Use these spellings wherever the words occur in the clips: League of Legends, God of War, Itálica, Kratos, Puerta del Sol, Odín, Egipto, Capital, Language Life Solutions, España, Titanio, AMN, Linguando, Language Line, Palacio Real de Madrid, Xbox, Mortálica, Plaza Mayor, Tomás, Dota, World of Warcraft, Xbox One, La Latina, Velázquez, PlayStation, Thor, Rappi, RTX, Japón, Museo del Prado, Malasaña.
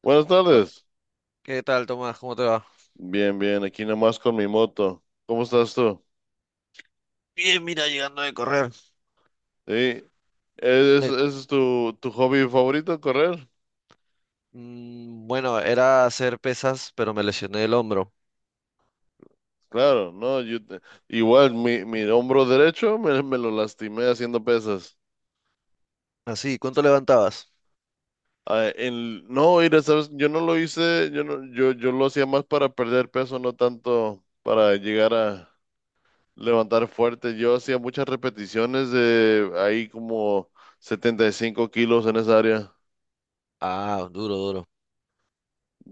Buenas O- tardes. ¿Qué tal, Tomás? ¿Cómo te va? Bien, bien, aquí nomás con mi moto. ¿Cómo estás tú? Bien, mira, llegando de correr. Sí. ¿Es, Eh, ese es tu, tu hobby favorito, ¿correr? Bueno, era hacer pesas, pero me lesioné el hombro. Claro, no, yo te- igual mi, mi hombro derecho me lo lastimé haciendo pesas. Así, ¿cuánto levantabas? No, mira, sabes, yo no lo hice, yo no, yo lo hacía más para perder peso, no tanto para llegar a levantar fuerte. Yo hacía muchas repeticiones de ahí como 75 kilos en esa área. Ah, duro, duro.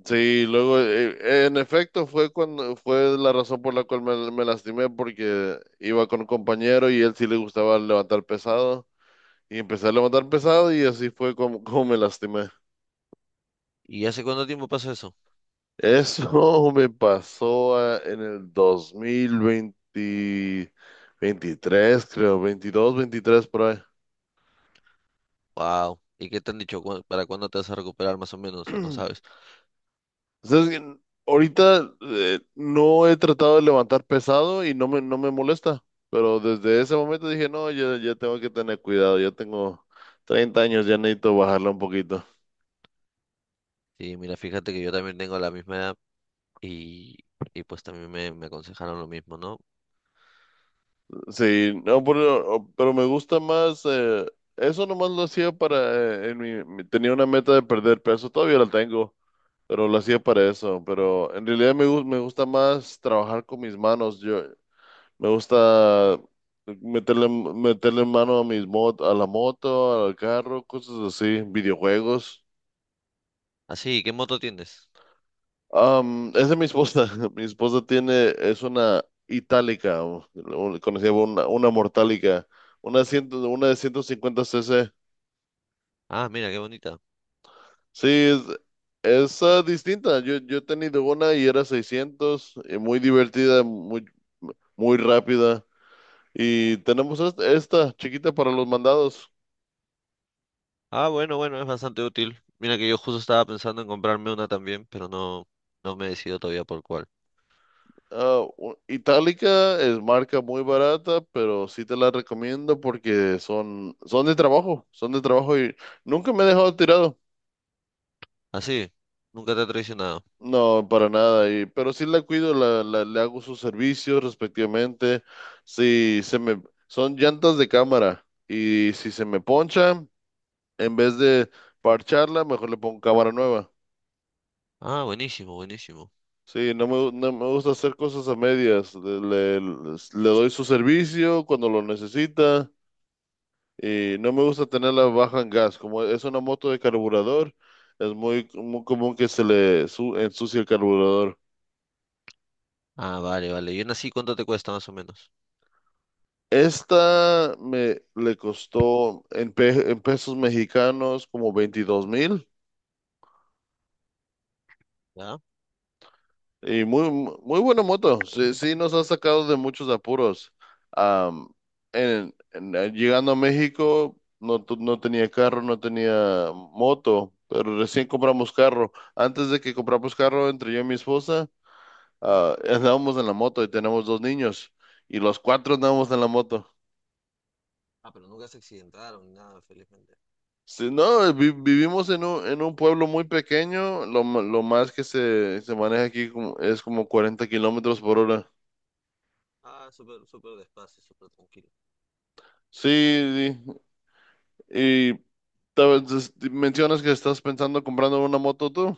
Sí, luego, en efecto, fue cuando fue la razón por la cual me lastimé, porque iba con un compañero y él sí le gustaba levantar pesado, y empecé a levantar pesado y así fue como me lastimé. ¿Y hace cuánto tiempo pasó eso? Eso me pasó en el 2020, 23, creo, 22, 23 por ahí. Wow. ¿Y qué te han dicho? ¿Para cuándo te vas a recuperar más o menos? ¿O no sabes? Entonces, ahorita no he tratado de levantar pesado y no me molesta, pero desde ese momento dije, no, ya, ya tengo que tener cuidado, ya tengo 30 años, ya necesito bajarla un poquito. Sí, mira, fíjate que yo también tengo la misma edad y, y pues también me aconsejaron lo mismo, ¿no? Sí, no, pero me gusta más, eso nomás lo hacía para, tenía una meta de perder peso, todavía la tengo, pero lo hacía para eso, pero en realidad me gusta más trabajar con mis manos. Yo, me gusta meterle mano a mis mot a la moto, al carro, cosas así, videojuegos. Así, ¿qué moto tienes? Es de mi esposa. Mi esposa tiene, es una Itálica, o conocida como una Mortálica, una de 150 cc. Ah, mira, qué bonita. Sí, es, distinta. Yo he tenido una y era 600 y muy divertida, muy, muy rápida. Y tenemos esta chiquita para los mandados. Ah, bueno, bueno, es bastante útil. Mira que yo justo estaba pensando en comprarme una también, pero no, no me he decidido todavía por cuál. Itálica es marca muy barata, pero sí te la recomiendo porque son, son de trabajo y nunca me he dejado tirado. Ah, sí, nunca te ha traicionado. No, para nada, y, pero sí la cuido, le hago sus servicios respectivamente. Si se me, Son llantas de cámara y si se me poncha, en vez de parcharla, mejor le pongo cámara nueva. Ah, buenísimo, buenísimo. Sí, no me gusta hacer cosas a medias. Le doy su servicio cuando lo necesita. Y no me gusta tenerla baja en gas. Como es una moto de carburador, es muy común que ensucie el carburador. Ah, vale, vale. ¿Y una así cuánto te cuesta más o menos? Esta me le costó en pesos mexicanos como 22.000. ¿Ya? Y muy buena moto. Sí, sí nos ha sacado de muchos apuros. Am, Llegando a México, no tenía carro, no tenía moto, pero recién compramos carro. Antes de que compramos carro, entre yo y mi esposa, andábamos en la moto y tenemos dos niños y los cuatro andábamos en la moto. Ah, pero nunca se accidentaron ni nada, felizmente. Sí, no, vivimos en un pueblo muy pequeño, lo más que se maneja aquí es como 40 kilómetros por hora. Ah, súper, súper despacio, súper tranquilo. Sí, sí. Y mencionas que estás pensando comprando una moto tú.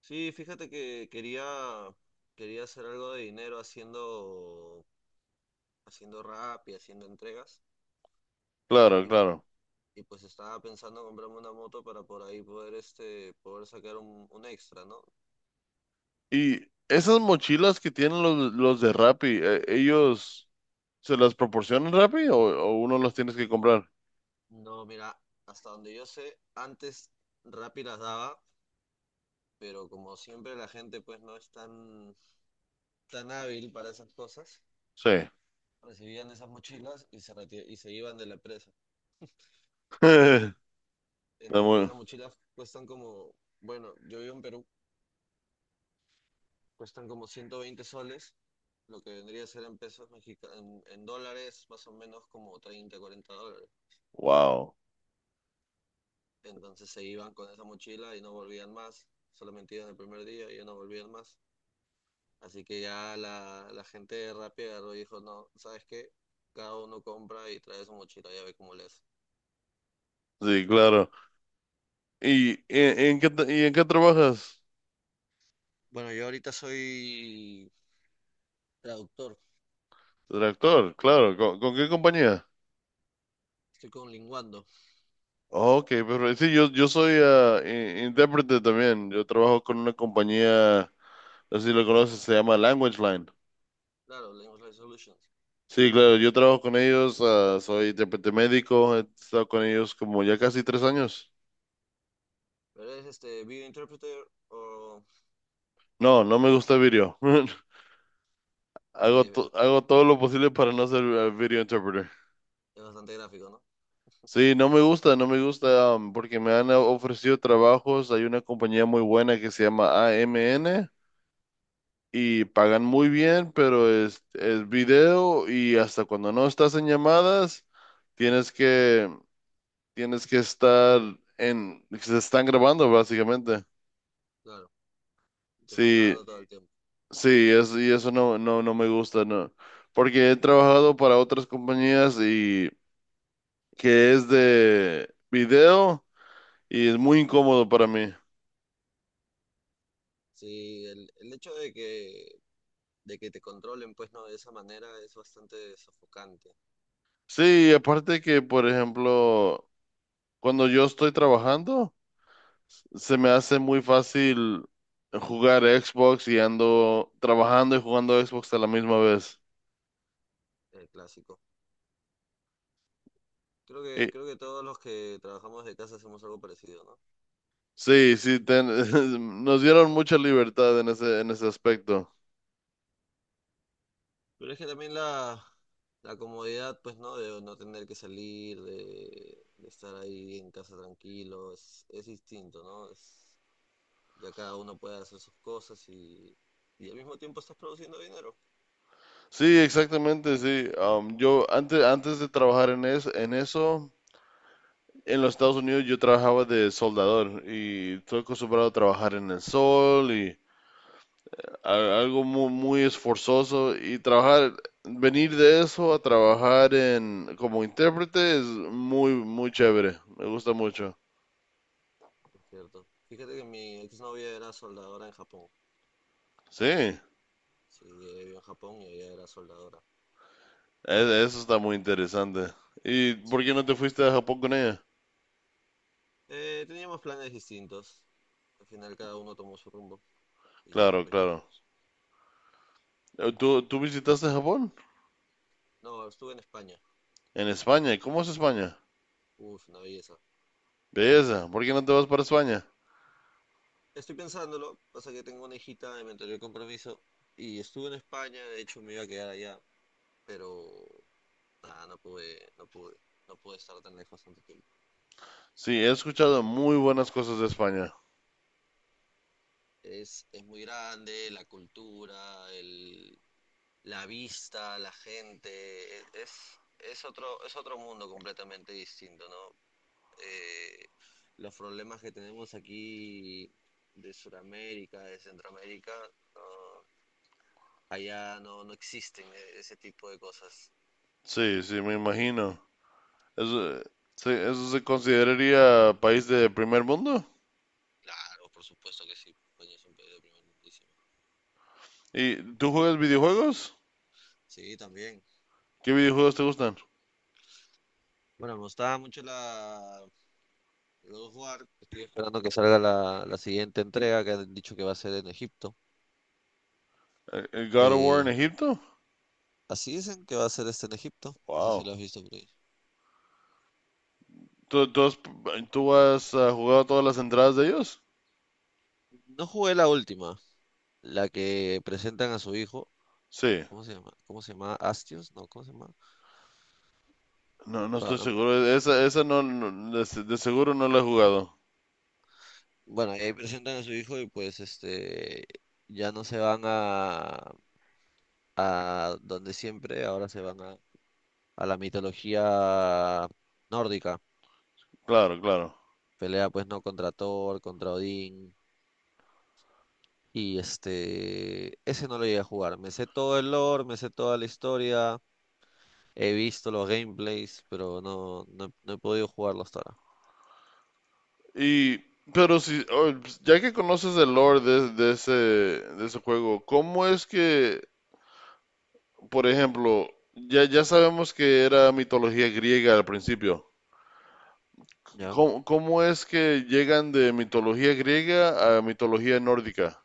Sí, fíjate que quería hacer algo de dinero haciendo rap y haciendo entregas. Claro, claro. Y pues estaba pensando comprarme una moto para por ahí poder, este, poder sacar un extra, ¿no? Y esas mochilas que tienen los de Rappi, ¿ellos se las proporcionan Rappi o uno las tienes que comprar? No, mira, hasta donde yo sé, antes Rappi las daba, pero como siempre la gente pues no es tan hábil para esas cosas, Sí. recibían esas mochilas y se iban de la empresa. Está Entonces, muy- esas mochilas cuestan como, bueno, yo vivo en Perú, cuestan como 120 soles, lo que vendría a ser en pesos mexicanos, en dólares más o menos como 30 40 dólares. Wow. Entonces se iban con esa mochila y no volvían más. Solamente iban el primer día y ya no volvían más. Así que ya la gente de Rappi agarró y dijo, no, ¿sabes qué? Cada uno compra y trae su mochila, ya ve cómo le hace. Sí, claro. ¿Y en qué trabajas? Bueno, yo ahorita soy traductor, De actor, claro. Con qué compañía? estoy con Linguando, Ok, pero sí, yo soy intérprete también. Yo trabajo con una compañía, no sé si lo conoces, se llama Language Line. claro, Language Life Solutions. Sí, claro, yo trabajo con ellos, ah, soy intérprete médico, he estado con ellos como ya casi 3 años. Pero es este video interpreter o... No, no me gusta video. Sí, es, Hago todo lo posible para no ser video interpreter. es bastante gráfico, ¿no? Sí, no me gusta, no me gusta, porque me han ofrecido trabajos. Hay una compañía muy buena que se llama AMN y pagan muy bien, pero es video y hasta cuando no estás en llamadas, tienes que, tienes que estar se están grabando básicamente. Claro, te están Sí, grabando todo el tiempo. sí, es, y eso no, no me gusta, no. Porque he trabajado para otras compañías y que es de video y es muy incómodo para mí. Sí, el hecho de que, te controlen, pues no, de esa manera es bastante sofocante. Sí, aparte que, por ejemplo, cuando yo estoy trabajando, se me hace muy fácil jugar Xbox y ando trabajando y jugando Xbox a la misma vez. El clásico. Creo que, Y- creo que todos los que trabajamos de casa hacemos algo parecido, ¿no? sí, sí, nos dieron mucha libertad en en ese aspecto. Pero es que también la comodidad, pues, ¿no? De no tener que salir, de estar ahí en casa tranquilo, es distinto, ¿no? Ya cada uno puede hacer sus cosas y al mismo tiempo estás produciendo dinero, Sí, exactamente, sí. Yo antes de trabajar en eso, en los Estados Unidos yo trabajaba de soldador y estoy acostumbrado a trabajar en el sol algo muy, muy esforzoso y venir de eso a trabajar en como intérprete es muy, muy chévere. Me gusta mucho. es cierto. Fíjate que mi exnovia era soldadora en Japón. Sí, Sí, ella vivió en Japón y ella era soldadora. eso está muy interesante. ¿Y Sí. por qué no te fuiste a Japón con ella? Teníamos planes distintos. Al final cada uno tomó su rumbo y ya, Claro, pues ya claro. estamos. ¿Tú visitaste Japón? No, estuve en España. En España. ¿Y cómo es España? Uf, una belleza. Belleza. ¿Por qué no te vas para España? Estoy pensándolo, pasa que tengo una hijita y me enteré el compromiso. Y estuve en España, de hecho me iba a quedar allá, pero nada, no pude estar tan lejos tanto tiempo. Sí, he escuchado muy buenas cosas de España. Es muy grande, la cultura, la vista, la gente, es otro mundo completamente distinto, ¿no? Eh, los problemas que tenemos aquí de Sudamérica, de Centroamérica, no, allá no, no existen ese tipo de cosas. Sí, sí, me imagino. Eso, sí, ¿eso se consideraría país de primer mundo? Claro, por supuesto que sí. España es un país de primer mundísimo. ¿Y tú juegas videojuegos? Sí, también. ¿Qué videojuegos te gustan? Bueno, me gustaba mucho la God of War. Estoy esperando que salga la siguiente entrega que han dicho que va a ser en Egipto. El God of War en Eh, Egipto? así dicen que va a ser este en Egipto. No sé si Wow. lo has visto por ahí. ¿Tú, tú has, ah, jugado todas las entradas de ellos? No jugué la última, la que presentan a su hijo. Sí. ¿Cómo se llama? ¿Cómo se llama? ¿Astios? No, ¿cómo se llama? No, no Ah, estoy no. seguro. Esa no, de seguro no la he jugado. Bueno, ahí presentan a su hijo y pues este ya no se van a donde siempre, ahora se van a la mitología nórdica. Claro, claro. Pelea pues no contra Thor, contra Odín. Y este, ese no lo llegué a jugar. Me sé todo el lore, me sé toda la historia, he visto los gameplays, pero no he podido jugarlo hasta ahora. Y, pero si, oh, pues, ya que conoces el lore de ese juego, ¿cómo es que, por ejemplo, ya, ya sabemos que era mitología griega al principio? ¿Ya? ¿Cómo, cómo es que llegan de mitología griega a mitología nórdica?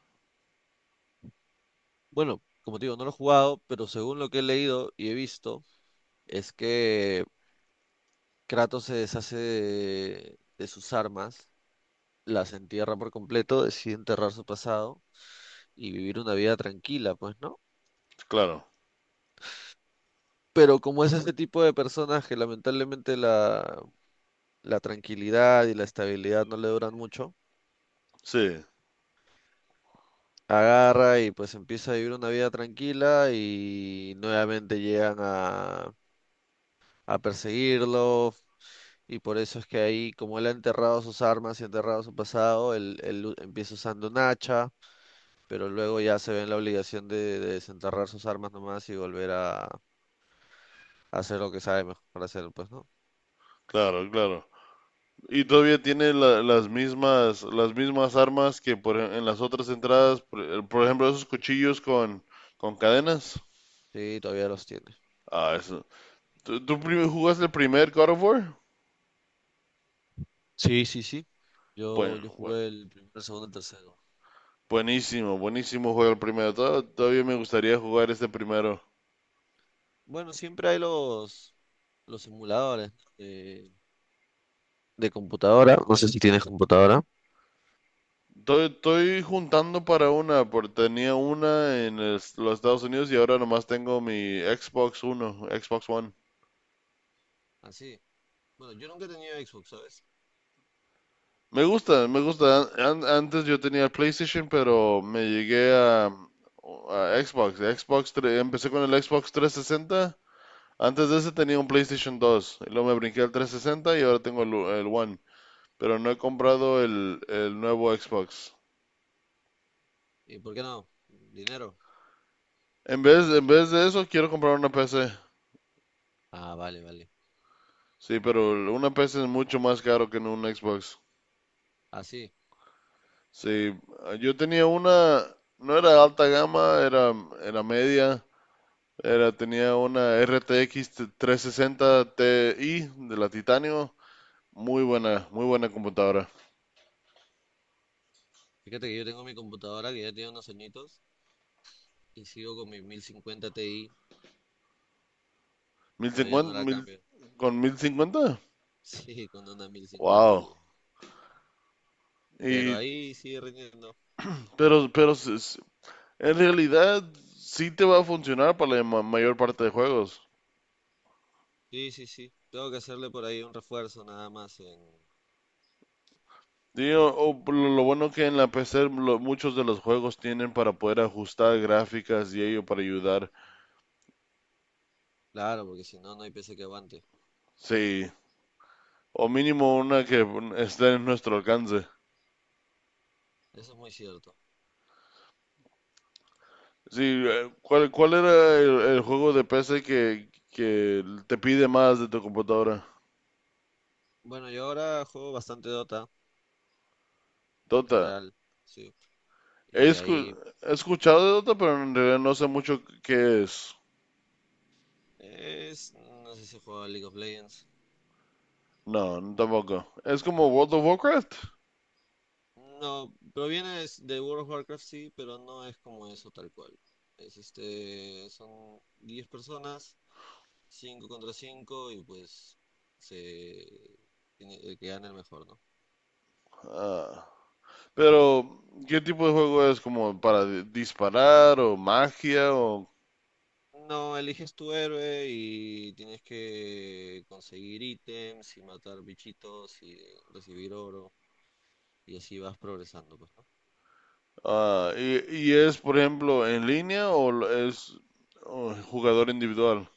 Bueno, como te digo, no lo he jugado, pero según lo que he leído y he visto, es que Kratos se deshace de sus armas, las entierra por completo, decide enterrar su pasado y vivir una vida tranquila, pues, ¿no? Claro, Pero como es ese tipo de personas que lamentablemente la tranquilidad y la estabilidad no le duran mucho, sí, agarra y pues empieza a vivir una vida tranquila y nuevamente llegan a perseguirlo. Y por eso es que ahí, como él ha enterrado sus armas y ha enterrado su pasado, él empieza usando un hacha, pero luego ya se ve en la obligación de desenterrar sus armas nomás y volver a hacer lo que sabe mejor hacer, pues, ¿no? claro, claro. Y todavía tiene las mismas armas que en las otras entradas, por ejemplo, esos cuchillos con cadenas. Sí, todavía los tiene. Ah, eso. ¿Jugaste el primer God of War? Sí, sí, sí. Yo, Bueno, yo bueno, jugué el primero, el segundo, el tercero. buenísimo, buenísimo juego el primero. Todavía me gustaría jugar este primero. Bueno, siempre hay los simuladores, ¿no?, de computadora. No sé si tienes computadora. Estoy, estoy juntando para una, porque tenía una en los Estados Unidos y ahora nomás tengo mi Xbox Uno, Xbox One. Así. Bueno, yo nunca he tenido Xbox, ¿sabes? Me gusta, me gusta. Antes yo tenía PlayStation, pero me llegué a Xbox. Empecé con el Xbox 360. Antes de ese tenía un PlayStation dos. Y luego me brinqué al 360 y ahora tengo el One. Pero no he comprado el nuevo Xbox. ¿Y por qué no? ¿Dinero? En vez de eso, quiero comprar una PC. Ah, vale, vale. Sí, pero una PC es mucho más caro que en un Xbox. Así. Sí, yo tenía una, no era alta gama, era, era media, era, tenía una RTX 360 Ti de la Titanio, muy buena computadora. Fíjate que yo tengo mi computadora que ya tiene unos añitos y sigo con mi 1050 Ti. Todavía no 1050, la cambio. con 1050, Sí, con una 1050 wow. digo. Pero Y, ahí sigue rindiendo. pero en realidad sí te va a funcionar para la mayor parte de juegos. Sí, sí, sí. Tengo que hacerle por ahí un refuerzo nada más en. Digo, o por lo bueno que en la PC muchos de los juegos tienen para poder ajustar gráficas y ello para ayudar. Claro, porque si no, no hay PC que aguante. Sí, o mínimo una que esté en nuestro alcance. Eso es muy cierto. Sí, ¿cuál era el juego de PC que te pide más de tu computadora? Bueno, yo ahora juego bastante Dota en Dota. general, sí. He, Y escu- ahí, He dime. escuchado de Dota, pero en realidad no sé mucho qué es. No sé si juega League of Legends. No, tampoco. Es como World of Warcraft. No, proviene es de World of Warcraft, sí, pero no es como eso tal cual. Es este, son 10 personas, 5 contra 5 y pues se el que gana el mejor, ¿no? Ah. Pero, ¿qué tipo de juego es? ¿Como para disparar o magia? O, No, eliges tu héroe y tienes que conseguir ítems y matar bichitos y recibir oro y así vas progresando, pues, ¿no? Y es, por ejemplo, ¿en línea o lo- es oh, jugador individual?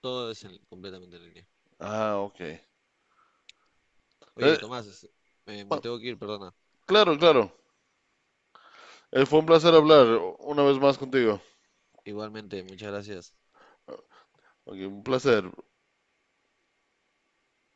Todo es completamente en línea. Ah, ok. Eh, Oye, Tomás, me pa- tengo que ir, perdona. claro, claro. Fue un placer hablar una vez más contigo. Igualmente, muchas gracias. Ok, un placer.